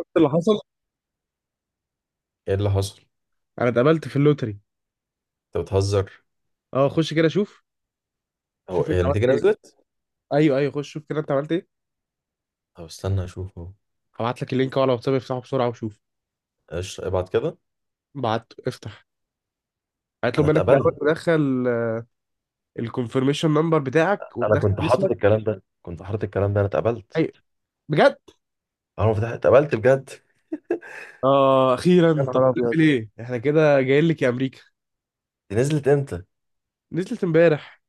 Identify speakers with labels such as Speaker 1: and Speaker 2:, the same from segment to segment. Speaker 1: شفت اللي حصل؟
Speaker 2: ايه اللي حصل؟
Speaker 1: انا اتقابلت في اللوتري.
Speaker 2: انت بتهزر؟
Speaker 1: اه، خش كده شوف.
Speaker 2: هو
Speaker 1: شوف انت
Speaker 2: هي
Speaker 1: عملت
Speaker 2: النتيجه
Speaker 1: ايه.
Speaker 2: نزلت؟
Speaker 1: ايوه، ايوه، خش شوف كده انت عملت ايه.
Speaker 2: طب استنى اشوف اهو.
Speaker 1: هبعت لك اللينك اهو على واتساب، افتحه بسرعه وشوف.
Speaker 2: ايش ابعت كده؟
Speaker 1: بعت، افتح.
Speaker 2: انا
Speaker 1: هيطلب منك الاول
Speaker 2: اتقبلت.
Speaker 1: تدخل الكونفirmation نمبر بتاعك
Speaker 2: انا
Speaker 1: وتدخل
Speaker 2: كنت
Speaker 1: اسمك.
Speaker 2: حاطط الكلام ده كنت حاطط الكلام ده انا اتقبلت.
Speaker 1: ايوه. بجد.
Speaker 2: انا ما فتحت، اتقبلت بجد.
Speaker 1: اه،
Speaker 2: يا
Speaker 1: اخيرا. طب
Speaker 2: نهار ابيض،
Speaker 1: تعمل ايه؟ احنا كده جايين لك يا امريكا.
Speaker 2: دي نزلت امتى؟
Speaker 1: نزلت امبارح.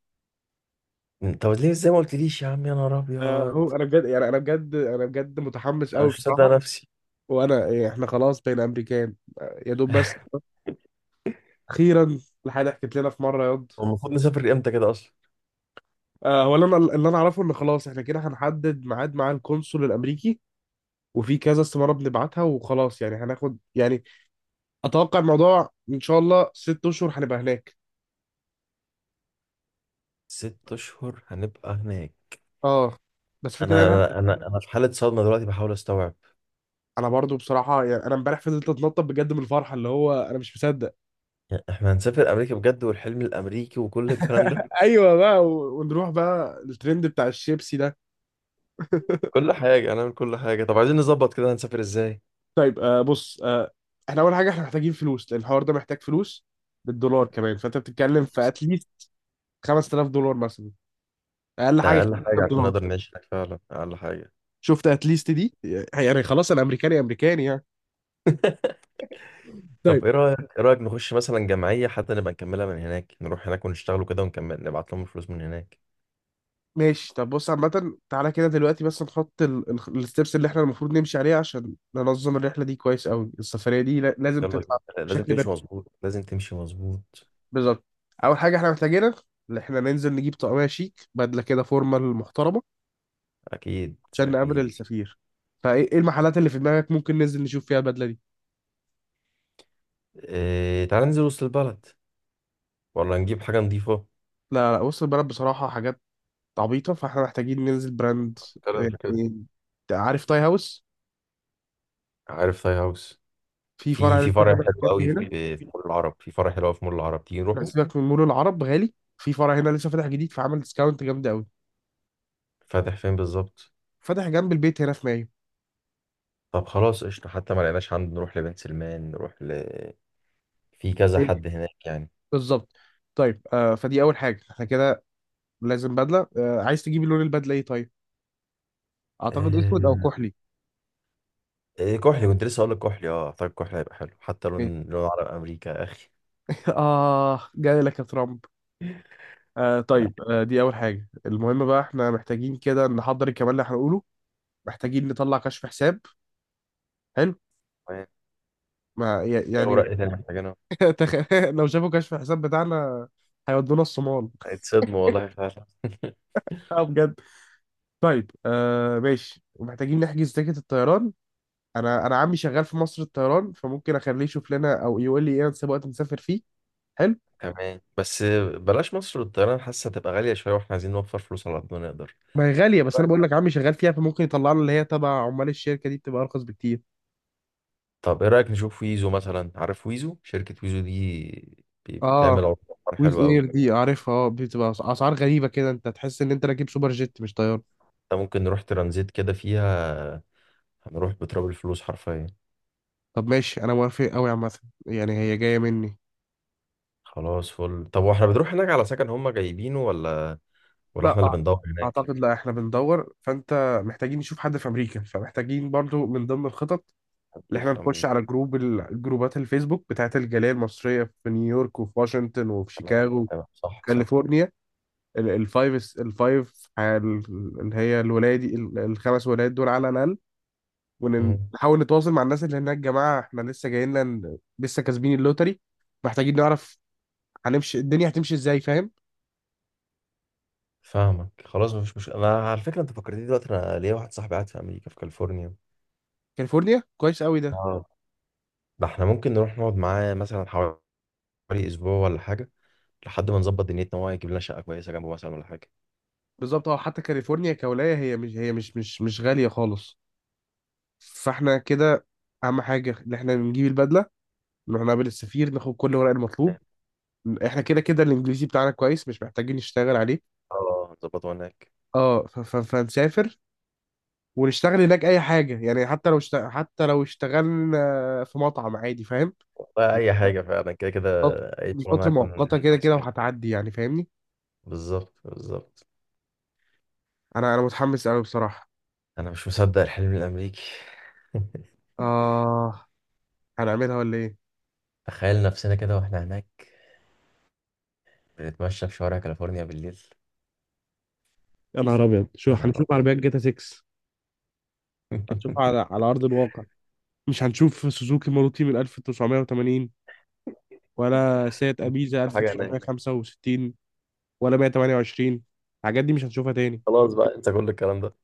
Speaker 2: طب ليه؟ ازاي ما قلتليش يا عم؟ يا نهار ابيض،
Speaker 1: هو انا بجد، يعني انا بجد متحمس
Speaker 2: انا
Speaker 1: قوي
Speaker 2: مش مصدق
Speaker 1: بصراحه.
Speaker 2: نفسي.
Speaker 1: وانا إيه، احنا خلاص بين امريكان. آه، يا دوب بس. اخيرا. الحاجه حكيت لنا في مره ياض.
Speaker 2: هو المفروض نسافر امتى كده اصلا؟
Speaker 1: هو اللي انا اعرفه ان خلاص احنا كده هنحدد ميعاد مع القنصل الامريكي. وفي كذا استماره بنبعتها، وخلاص يعني هناخد يعني. اتوقع الموضوع ان شاء الله 6 اشهر هنبقى هناك.
Speaker 2: ست اشهر هنبقى هناك؟
Speaker 1: اه. بس فكرة انا.
Speaker 2: انا في حاله صدمه دلوقتي، بحاول استوعب.
Speaker 1: انا برضو بصراحه، يعني انا امبارح فضلت اتنطط بجد من الفرحه، اللي هو انا مش مصدق.
Speaker 2: يعني احنا هنسافر امريكا بجد، والحلم الامريكي وكل الكلام ده؟
Speaker 1: ايوه بقى ونروح بقى الترند بتاع الشيبسي ده.
Speaker 2: كل حاجه هنعمل، كل حاجه. طب عايزين نظبط كده، هنسافر ازاي؟
Speaker 1: طيب، بص احنا اول حاجه، احنا محتاجين فلوس، لان الحوار ده محتاج فلوس بالدولار كمان. فانت بتتكلم في اتليست $5000 مثلا. اقل
Speaker 2: ده
Speaker 1: حاجه.
Speaker 2: اقل حاجه عشان
Speaker 1: 5000.
Speaker 2: نقدر نعيش هناك، فعلا اقل حاجه.
Speaker 1: شفت اتليست دي؟ يعني خلاص انا امريكاني امريكاني يعني.
Speaker 2: طب
Speaker 1: طيب.
Speaker 2: ايه رايك نخش مثلا جمعيه، حتى نبقى نكملها من هناك، نروح هناك ونشتغلوا كده ونكمل نبعت لهم الفلوس من هناك.
Speaker 1: ماشي، طب بص عامة. تعالى كده دلوقتي بس نحط الستبس اللي احنا المفروض نمشي عليها عشان ننظم الرحلة دي كويس قوي. السفرية دي لازم
Speaker 2: يلا
Speaker 1: تطلع
Speaker 2: بينا. لازم
Speaker 1: بشكل
Speaker 2: تمشي
Speaker 1: بيرفكت.
Speaker 2: مظبوط، لازم تمشي مظبوط.
Speaker 1: بالظبط. أول حاجة احنا محتاجينها، إن احنا ننزل نجيب طقمية شيك، بدلة كده فورمال محترمة،
Speaker 2: اكيد
Speaker 1: عشان نقابل
Speaker 2: اكيد.
Speaker 1: السفير. فايه المحلات اللي في دماغك ممكن ننزل نشوف فيها البدلة دي؟
Speaker 2: إيه، تعال ننزل وسط البلد، ولا نجيب حاجه نظيفه؟
Speaker 1: لا لا، بص البلد بصراحة حاجات عبيطة، فاحنا محتاجين ننزل براند
Speaker 2: كده في كده.
Speaker 1: يعني. عارف تاي هاوس؟
Speaker 2: عارف تاي هاوس.
Speaker 1: في
Speaker 2: في
Speaker 1: فرع
Speaker 2: في
Speaker 1: لسه
Speaker 2: فرع
Speaker 1: فاتح
Speaker 2: حلو قوي
Speaker 1: جنبي هنا.
Speaker 2: في في مول العرب، في فرع حلو قوي في مول العرب، تيجي
Speaker 1: لا،
Speaker 2: نروحه.
Speaker 1: سيبك من مول العرب غالي، في فرع هنا لسه فاتح جديد، فعمل ديسكاونت جامد قوي.
Speaker 2: فاتح فين بالظبط؟
Speaker 1: فاتح جنب البيت هنا في مايو.
Speaker 2: طب خلاص قشطه. حتى ما لقيناش عنده، نروح لبنت سلمان، نروح ل... في كذا
Speaker 1: إيه.
Speaker 2: حد هناك يعني.
Speaker 1: بالظبط. طيب، فدي اول حاجه احنا كده. لازم بدله. عايز تجيب لون البدله ايه؟ طيب، اعتقد اسود او
Speaker 2: آه،
Speaker 1: كحلي.
Speaker 2: إيه كحلي، كنت لسه هقول لك كحلي، اه اعتقد كحلي هيبقى حلو، حتى
Speaker 1: إيه.
Speaker 2: لون، لون عرب امريكا يا اخي.
Speaker 1: اه، جاي لك يا ترامب.
Speaker 2: يا
Speaker 1: طيب، دي اول حاجه. المهم بقى احنا محتاجين كده نحضر الكلام اللي هنقوله. محتاجين نطلع كشف حساب. حلو.
Speaker 2: رب.
Speaker 1: ما
Speaker 2: يا اوراق
Speaker 1: يعني.
Speaker 2: ايه تاني محتاجينها؟
Speaker 1: لو شافوا كشف الحساب بتاعنا هيودونا الصومال.
Speaker 2: اتصدموا والله فعلا.
Speaker 1: اه، بجد. طيب، ماشي. ومحتاجين نحجز تيكت الطيران. انا عمي شغال في مصر الطيران، فممكن اخليه يشوف لنا او يقول لي ايه انسب وقت نسافر فيه. حلو.
Speaker 2: تمام، بس بلاش مصر والطيران، حاسه هتبقى غاليه شويه، واحنا عايزين نوفر فلوس على قد ما نقدر.
Speaker 1: ما هي غاليه،
Speaker 2: إيه
Speaker 1: بس انا
Speaker 2: رأيك؟
Speaker 1: بقول لك عمي شغال فيها، فممكن يطلع لنا اللي هي تبع عمال الشركه دي بتبقى ارخص بكتير.
Speaker 2: طب ايه رايك نشوف ويزو مثلا؟ عارف ويزو؟ شركه ويزو دي
Speaker 1: اه.
Speaker 2: بتعمل عروض
Speaker 1: ويز
Speaker 2: حلوه قوي.
Speaker 1: اير دي عارفها، بتبقى اسعار غريبه كده، انت تحس ان انت راكب سوبر جيت مش طياره.
Speaker 2: ده ممكن نروح ترانزيت كده فيها، هنروح بتراب الفلوس حرفيا.
Speaker 1: طب ماشي، انا موافق قوي عامه. يعني هي جايه مني.
Speaker 2: خلاص فل. طب واحنا بنروح هناك على سكن، هم جايبينه ولا ولا
Speaker 1: لا
Speaker 2: احنا اللي
Speaker 1: أع-
Speaker 2: بندور هناك؟
Speaker 1: اعتقد لا، احنا بندور. فانت محتاجين نشوف حد في امريكا، فمحتاجين برضو من ضمن الخطط اللي
Speaker 2: حد
Speaker 1: احنا
Speaker 2: في
Speaker 1: نخش
Speaker 2: امريكا؟
Speaker 1: على جروب، جروبات الفيسبوك بتاعت الجالية المصرية في نيويورك وفي واشنطن وفي
Speaker 2: تمام
Speaker 1: شيكاغو وفي
Speaker 2: تمام، صح صح.
Speaker 1: كاليفورنيا. ال- الفايف الفايف ال- اللي هي الولاية دي ال- الخمس ولايات دول على الأقل.
Speaker 2: مم.
Speaker 1: ونحاول نتواصل مع الناس اللي هناك. جماعة، احنا لسه جايين لنا، لسه كاسبين اللوتري. محتاجين نعرف هنمشي الدنيا هتمشي ازاي، فاهم؟
Speaker 2: فاهمك، خلاص مفيش مشكله. انا على فكره، انت فكرتني دلوقتي، انا ليا واحد صاحبي قاعد في امريكا في كاليفورنيا.
Speaker 1: كاليفورنيا كويس قوي ده.
Speaker 2: اه، ده احنا ممكن نروح نقعد معاه مثلا حوالي اسبوع ولا حاجه، لحد ما نظبط دنيتنا، وهو يجيب لنا شقه كويسه جنبه مثلا ولا حاجه.
Speaker 1: بالظبط. اه، حتى كاليفورنيا كولاية هي مش غالية خالص. فاحنا كده أهم حاجة إن احنا نجيب البدلة، نروح نقابل السفير، ناخد كل الورق المطلوب. احنا كده كده الانجليزي بتاعنا كويس، مش محتاجين نشتغل عليه.
Speaker 2: اه نظبطه هناك.
Speaker 1: اه، فنسافر ونشتغل هناك اي حاجه يعني. حتى لو حتى لو اشتغلنا في مطعم عادي، فاهم؟
Speaker 2: والله اي حاجه فعلا، كده كده
Speaker 1: أو.
Speaker 2: اي
Speaker 1: دي
Speaker 2: شغلانه
Speaker 1: فتره
Speaker 2: هتكون هناك،
Speaker 1: مؤقته كده كده
Speaker 2: احسن.
Speaker 1: وهتعدي يعني، فاهمني.
Speaker 2: بالظبط بالظبط.
Speaker 1: انا متحمس قوي بصراحه.
Speaker 2: انا مش مصدق الحلم الامريكي.
Speaker 1: اه، هنعملها ولا ايه؟
Speaker 2: تخيل نفسنا كده واحنا هناك، بنتمشى في شوارع كاليفورنيا بالليل.
Speaker 1: يا نهار ابيض، شو
Speaker 2: يا نهار
Speaker 1: هنشوف
Speaker 2: ابيض.
Speaker 1: عربيات جاتا 6. هتشوف على ارض الواقع. مش هنشوف سوزوكي ماروتي من 1980، ولا سيات
Speaker 2: انت
Speaker 1: ابيزا
Speaker 2: كل حاجه هناك.
Speaker 1: 1965، ولا 128. الحاجات دي مش هتشوفها تاني.
Speaker 2: خلاص بقى، انسى كل الكلام ده.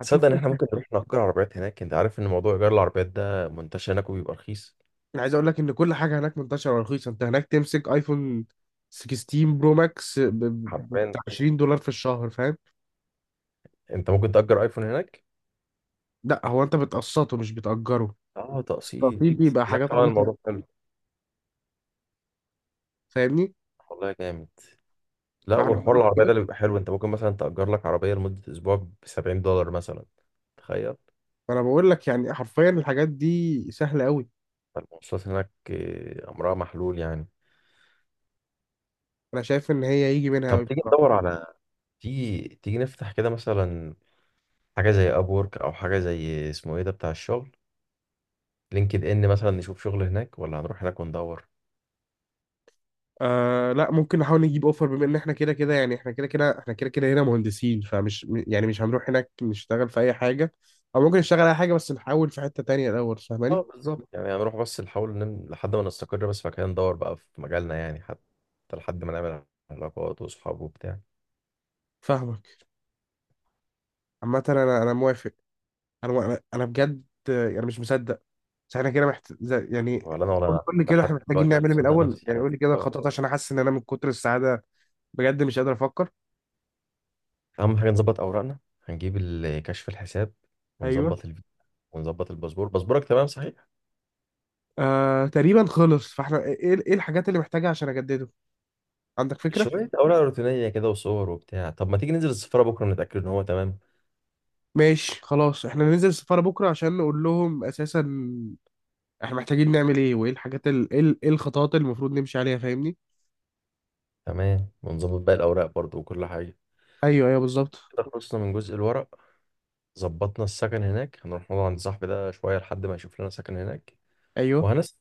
Speaker 1: هتشوف
Speaker 2: تصدق ان احنا
Speaker 1: تسلا
Speaker 2: ممكن
Speaker 1: كتير.
Speaker 2: نروح نأجر عربيات هناك؟ انت عارف ان موضوع ايجار العربيات ده منتشر هناك وبيبقى رخيص.
Speaker 1: انا عايز اقول لك ان كل حاجه هناك منتشره ورخيصه. انت هناك تمسك ايفون 16 برو ماكس
Speaker 2: حرفيا.
Speaker 1: بتاع $20 في الشهر، فاهم؟
Speaker 2: انت ممكن تأجر ايفون هناك.
Speaker 1: لا، هو انت بتقسطه مش بتأجره.
Speaker 2: اه تقسيط.
Speaker 1: مستطيل، بيبقى
Speaker 2: هناك
Speaker 1: حاجات
Speaker 2: طبعا
Speaker 1: عبيطه.
Speaker 2: الموضوع حلو.
Speaker 1: فاهمني.
Speaker 2: والله جامد. لا،
Speaker 1: فاحنا
Speaker 2: وحوار
Speaker 1: بنروح-
Speaker 2: العربيه ده اللي بيبقى حلو، انت ممكن مثلا تأجر لك عربيه لمده اسبوع ب 70 دولار مثلا. تخيل.
Speaker 1: فانا بقول لك يعني حرفيا الحاجات دي سهله قوي.
Speaker 2: فالمواصلات هناك آه، امرها محلول يعني.
Speaker 1: انا شايف ان هي يجي منها
Speaker 2: طب
Speaker 1: قوي.
Speaker 2: تيجي ندور على... تيجي نفتح كده مثلا حاجه زي ابورك، او حاجه زي اسمه ايه ده بتاع الشغل، لينكد ان مثلا، نشوف شغل هناك ولا هنروح هناك وندور؟
Speaker 1: آه لا، ممكن نحاول نجيب اوفر بما ان احنا كده كده، هنا مهندسين. فمش يعني مش هنروح هناك نشتغل في اي حاجه. او ممكن نشتغل اي حاجه بس نحاول في حته تانية الاول، فاهماني؟
Speaker 2: اه بالظبط، يعني هنروح بس نحاول نم... لحد ما نستقر بس، فكده ندور بقى في مجالنا يعني، حتى لحد ما نعمل علاقات وصحاب وبتاع.
Speaker 1: فاهمك. عامه انا انا موافق. انا انا أنا بجد. يعني مش مصدق. بس احنا كده يعني.
Speaker 2: ولا انا، ولا
Speaker 1: قول
Speaker 2: انا
Speaker 1: قول لي كده
Speaker 2: لحد
Speaker 1: احنا محتاجين
Speaker 2: دلوقتي انا مش
Speaker 1: نعمل ايه من
Speaker 2: مصدق
Speaker 1: الاول،
Speaker 2: نفسي، يعني
Speaker 1: يعني
Speaker 2: مش
Speaker 1: قول لي كده
Speaker 2: مصدق.
Speaker 1: خطوات عشان احس ان انا من كتر السعاده بجد مش قادر افكر.
Speaker 2: اهم حاجه نظبط اوراقنا، هنجيب ال- كشف الحساب،
Speaker 1: ايوه.
Speaker 2: ونظبط الفيزا، ونظبط الباسبور. باسبورك تمام صحيح؟
Speaker 1: تقريبا خلص، فاحنا ايه، ايه الحاجات اللي محتاجها عشان اجدده؟ عندك فكره؟
Speaker 2: شويه اوراق روتينيه كده وصور وبتاع. طب ما تيجي ننزل السفاره بكره نتاكد ان هو تمام.
Speaker 1: ماشي، خلاص احنا ننزل السفارة بكرة عشان نقول لهم اساسا احنا محتاجين نعمل ايه، وايه الحاجات إيه الخطوات اللي المفروض نمشي عليها، فاهمني؟
Speaker 2: تمام، ونظبط باقي الاوراق برضو وكل حاجه.
Speaker 1: ايوه، ايوه، بالظبط.
Speaker 2: كده خلصنا من جزء الورق. ظبطنا السكن هناك، هنروح نقعد عند صاحبي ده شوية لحد ما يشوف لنا سكن هناك.
Speaker 1: ايوه.
Speaker 2: وهنسأل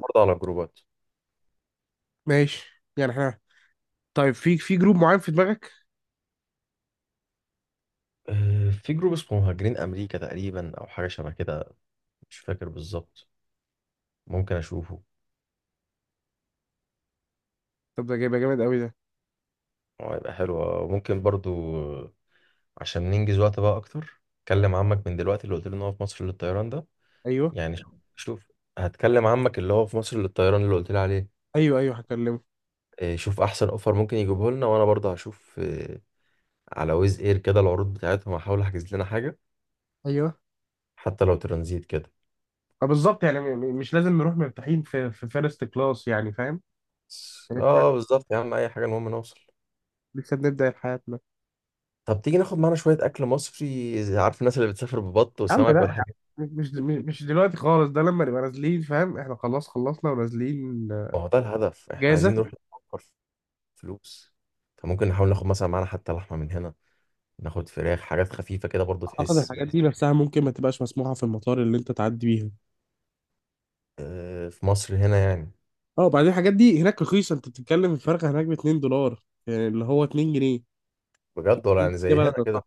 Speaker 2: برضه على جروبات.
Speaker 1: ماشي يعني احنا. طيب، في جروب معين في دماغك؟
Speaker 2: آه، في جروب اسمه مهاجرين أمريكا تقريبا، أو حاجة شبه كده، مش فاكر بالظبط، ممكن أشوفه.
Speaker 1: طب ده جايبه جامد قوي ده.
Speaker 2: هو هيبقى حلو، وممكن برضه. آه، عشان ننجز وقت بقى أكتر، كلم عمك من دلوقتي، اللي قلت له إن هو في مصر للطيران ده.
Speaker 1: ايوه،
Speaker 2: يعني شوف شوف، هتكلم عمك اللي هو في مصر للطيران اللي قلت لي عليه.
Speaker 1: ايوه، ايوه، هكلمه.
Speaker 2: آه، شوف أحسن أوفر ممكن يجيبه لنا، وأنا برضه هشوف آه، على ويز إير كده العروض بتاعتهم، هحاول أحجز لنا حاجة،
Speaker 1: ايوه.
Speaker 2: حتى لو ترانزيت كده.
Speaker 1: اه بالظبط، يعني مش لازم نروح مرتاحين في في فيرست كلاس يعني، فاهم؟ لسه.
Speaker 2: اه بالظبط يا عم، اي حاجه المهم نوصل.
Speaker 1: لسه بنبدأ حياتنا.
Speaker 2: طب تيجي ناخد معانا شويه اكل مصري زي... عارف الناس اللي بتسافر ببط
Speaker 1: يا عم
Speaker 2: وسمك
Speaker 1: لا،
Speaker 2: والحاجات دي؟
Speaker 1: مش دلوقتي خالص. ده لما نبقى نازلين فاهم، احنا خلاص خلصنا ونازلين.
Speaker 2: ما هو ده الهدف، احنا عايزين
Speaker 1: جازة.
Speaker 2: نروح نوفر فلوس. فممكن نحاول ناخد مثلا معانا حتى لحمه من هنا، ناخد فراخ، حاجات خفيفه كده برضو
Speaker 1: اعتقد
Speaker 2: تحس
Speaker 1: الحاجات
Speaker 2: بحس.
Speaker 1: دي نفسها ممكن ما تبقاش مسموحه في المطار اللي انت تعدي بيها.
Speaker 2: آه، في مصر هنا يعني؟
Speaker 1: اه وبعدين الحاجات دي هناك رخيصه، انت بتتكلم الفرق هناك ب $2، يعني اللي هو 2 جنيه.
Speaker 2: بجد ولا
Speaker 1: إيه
Speaker 2: يعني
Speaker 1: يا
Speaker 2: زي
Speaker 1: بلد
Speaker 2: هنا كده؟
Speaker 1: صح.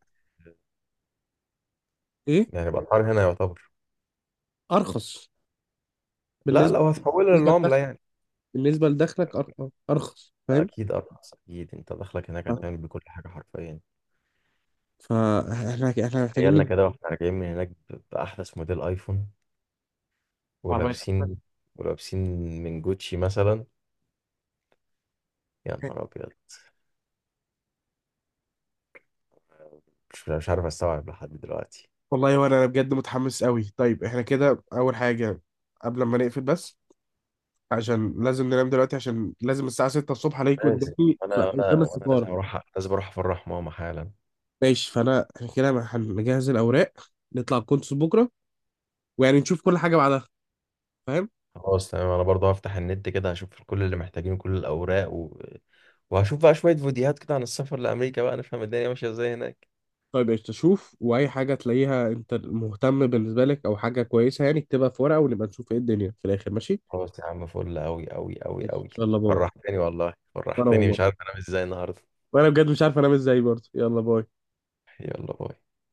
Speaker 1: ايه.
Speaker 2: يعني الاسعار هنا يعتبر...
Speaker 1: ارخص
Speaker 2: لا،
Speaker 1: بالنسبه.
Speaker 2: لو هتحولها
Speaker 1: بالنسبه
Speaker 2: للعمله
Speaker 1: لدخلك.
Speaker 2: يعني.
Speaker 1: بالنسبه لدخلك ارخص، فاهم؟
Speaker 2: اكيد ارخص، اكيد، انت داخلك هناك هتعمل بكل حاجه حرفيا.
Speaker 1: فاحنا محتاجين
Speaker 2: تخيلنا
Speaker 1: نجيب
Speaker 2: كده واحنا راجعين من هناك باحدث موديل ايفون،
Speaker 1: عربية.
Speaker 2: ولابسين، ولابسين من جوتشي مثلا. يا نهار ابيض. مش عارف استوعب لحد دلوقتي.
Speaker 1: والله. وانا بجد متحمس قوي. طيب احنا كده اول حاجه قبل ما نقفل بس، عشان لازم ننام دلوقتي، عشان لازم الساعه 6 الصبح عليكم
Speaker 2: لازم.
Speaker 1: قدامي
Speaker 2: انا انا
Speaker 1: قدام
Speaker 2: وانا لازم
Speaker 1: السفاره.
Speaker 2: اروح، لازم اروح افرح ماما حالا.
Speaker 1: ماشي، فانا احنا كده هنجهز الاوراق، نطلع الكونسول بكره، ويعني نشوف كل حاجه بعدها، فاهم؟
Speaker 2: خلاص تمام، انا برضه هفتح النت كده هشوف كل اللي محتاجينه، كل الاوراق و... وهشوف بقى شويه فيديوهات كده عن السفر لامريكا بقى، نفهم الدنيا ماشيه ازاي هناك.
Speaker 1: طيب، ايش تشوف واي حاجه تلاقيها انت مهتم بالنسبه لك او حاجه كويسه يعني، اكتبها في ورقه ونبقى نشوف ايه الدنيا في الاخر، ماشي؟
Speaker 2: خلاص يا عم، فل قوي قوي قوي
Speaker 1: ماشي،
Speaker 2: قوي.
Speaker 1: يلا باي.
Speaker 2: فرحتني والله،
Speaker 1: وانا
Speaker 2: فرحتني،
Speaker 1: والله،
Speaker 2: مش عارف انام ازاي النهارده.
Speaker 1: وانا بجد مش عارف انام ازاي برضه. يلا باي.
Speaker 2: يلا باي.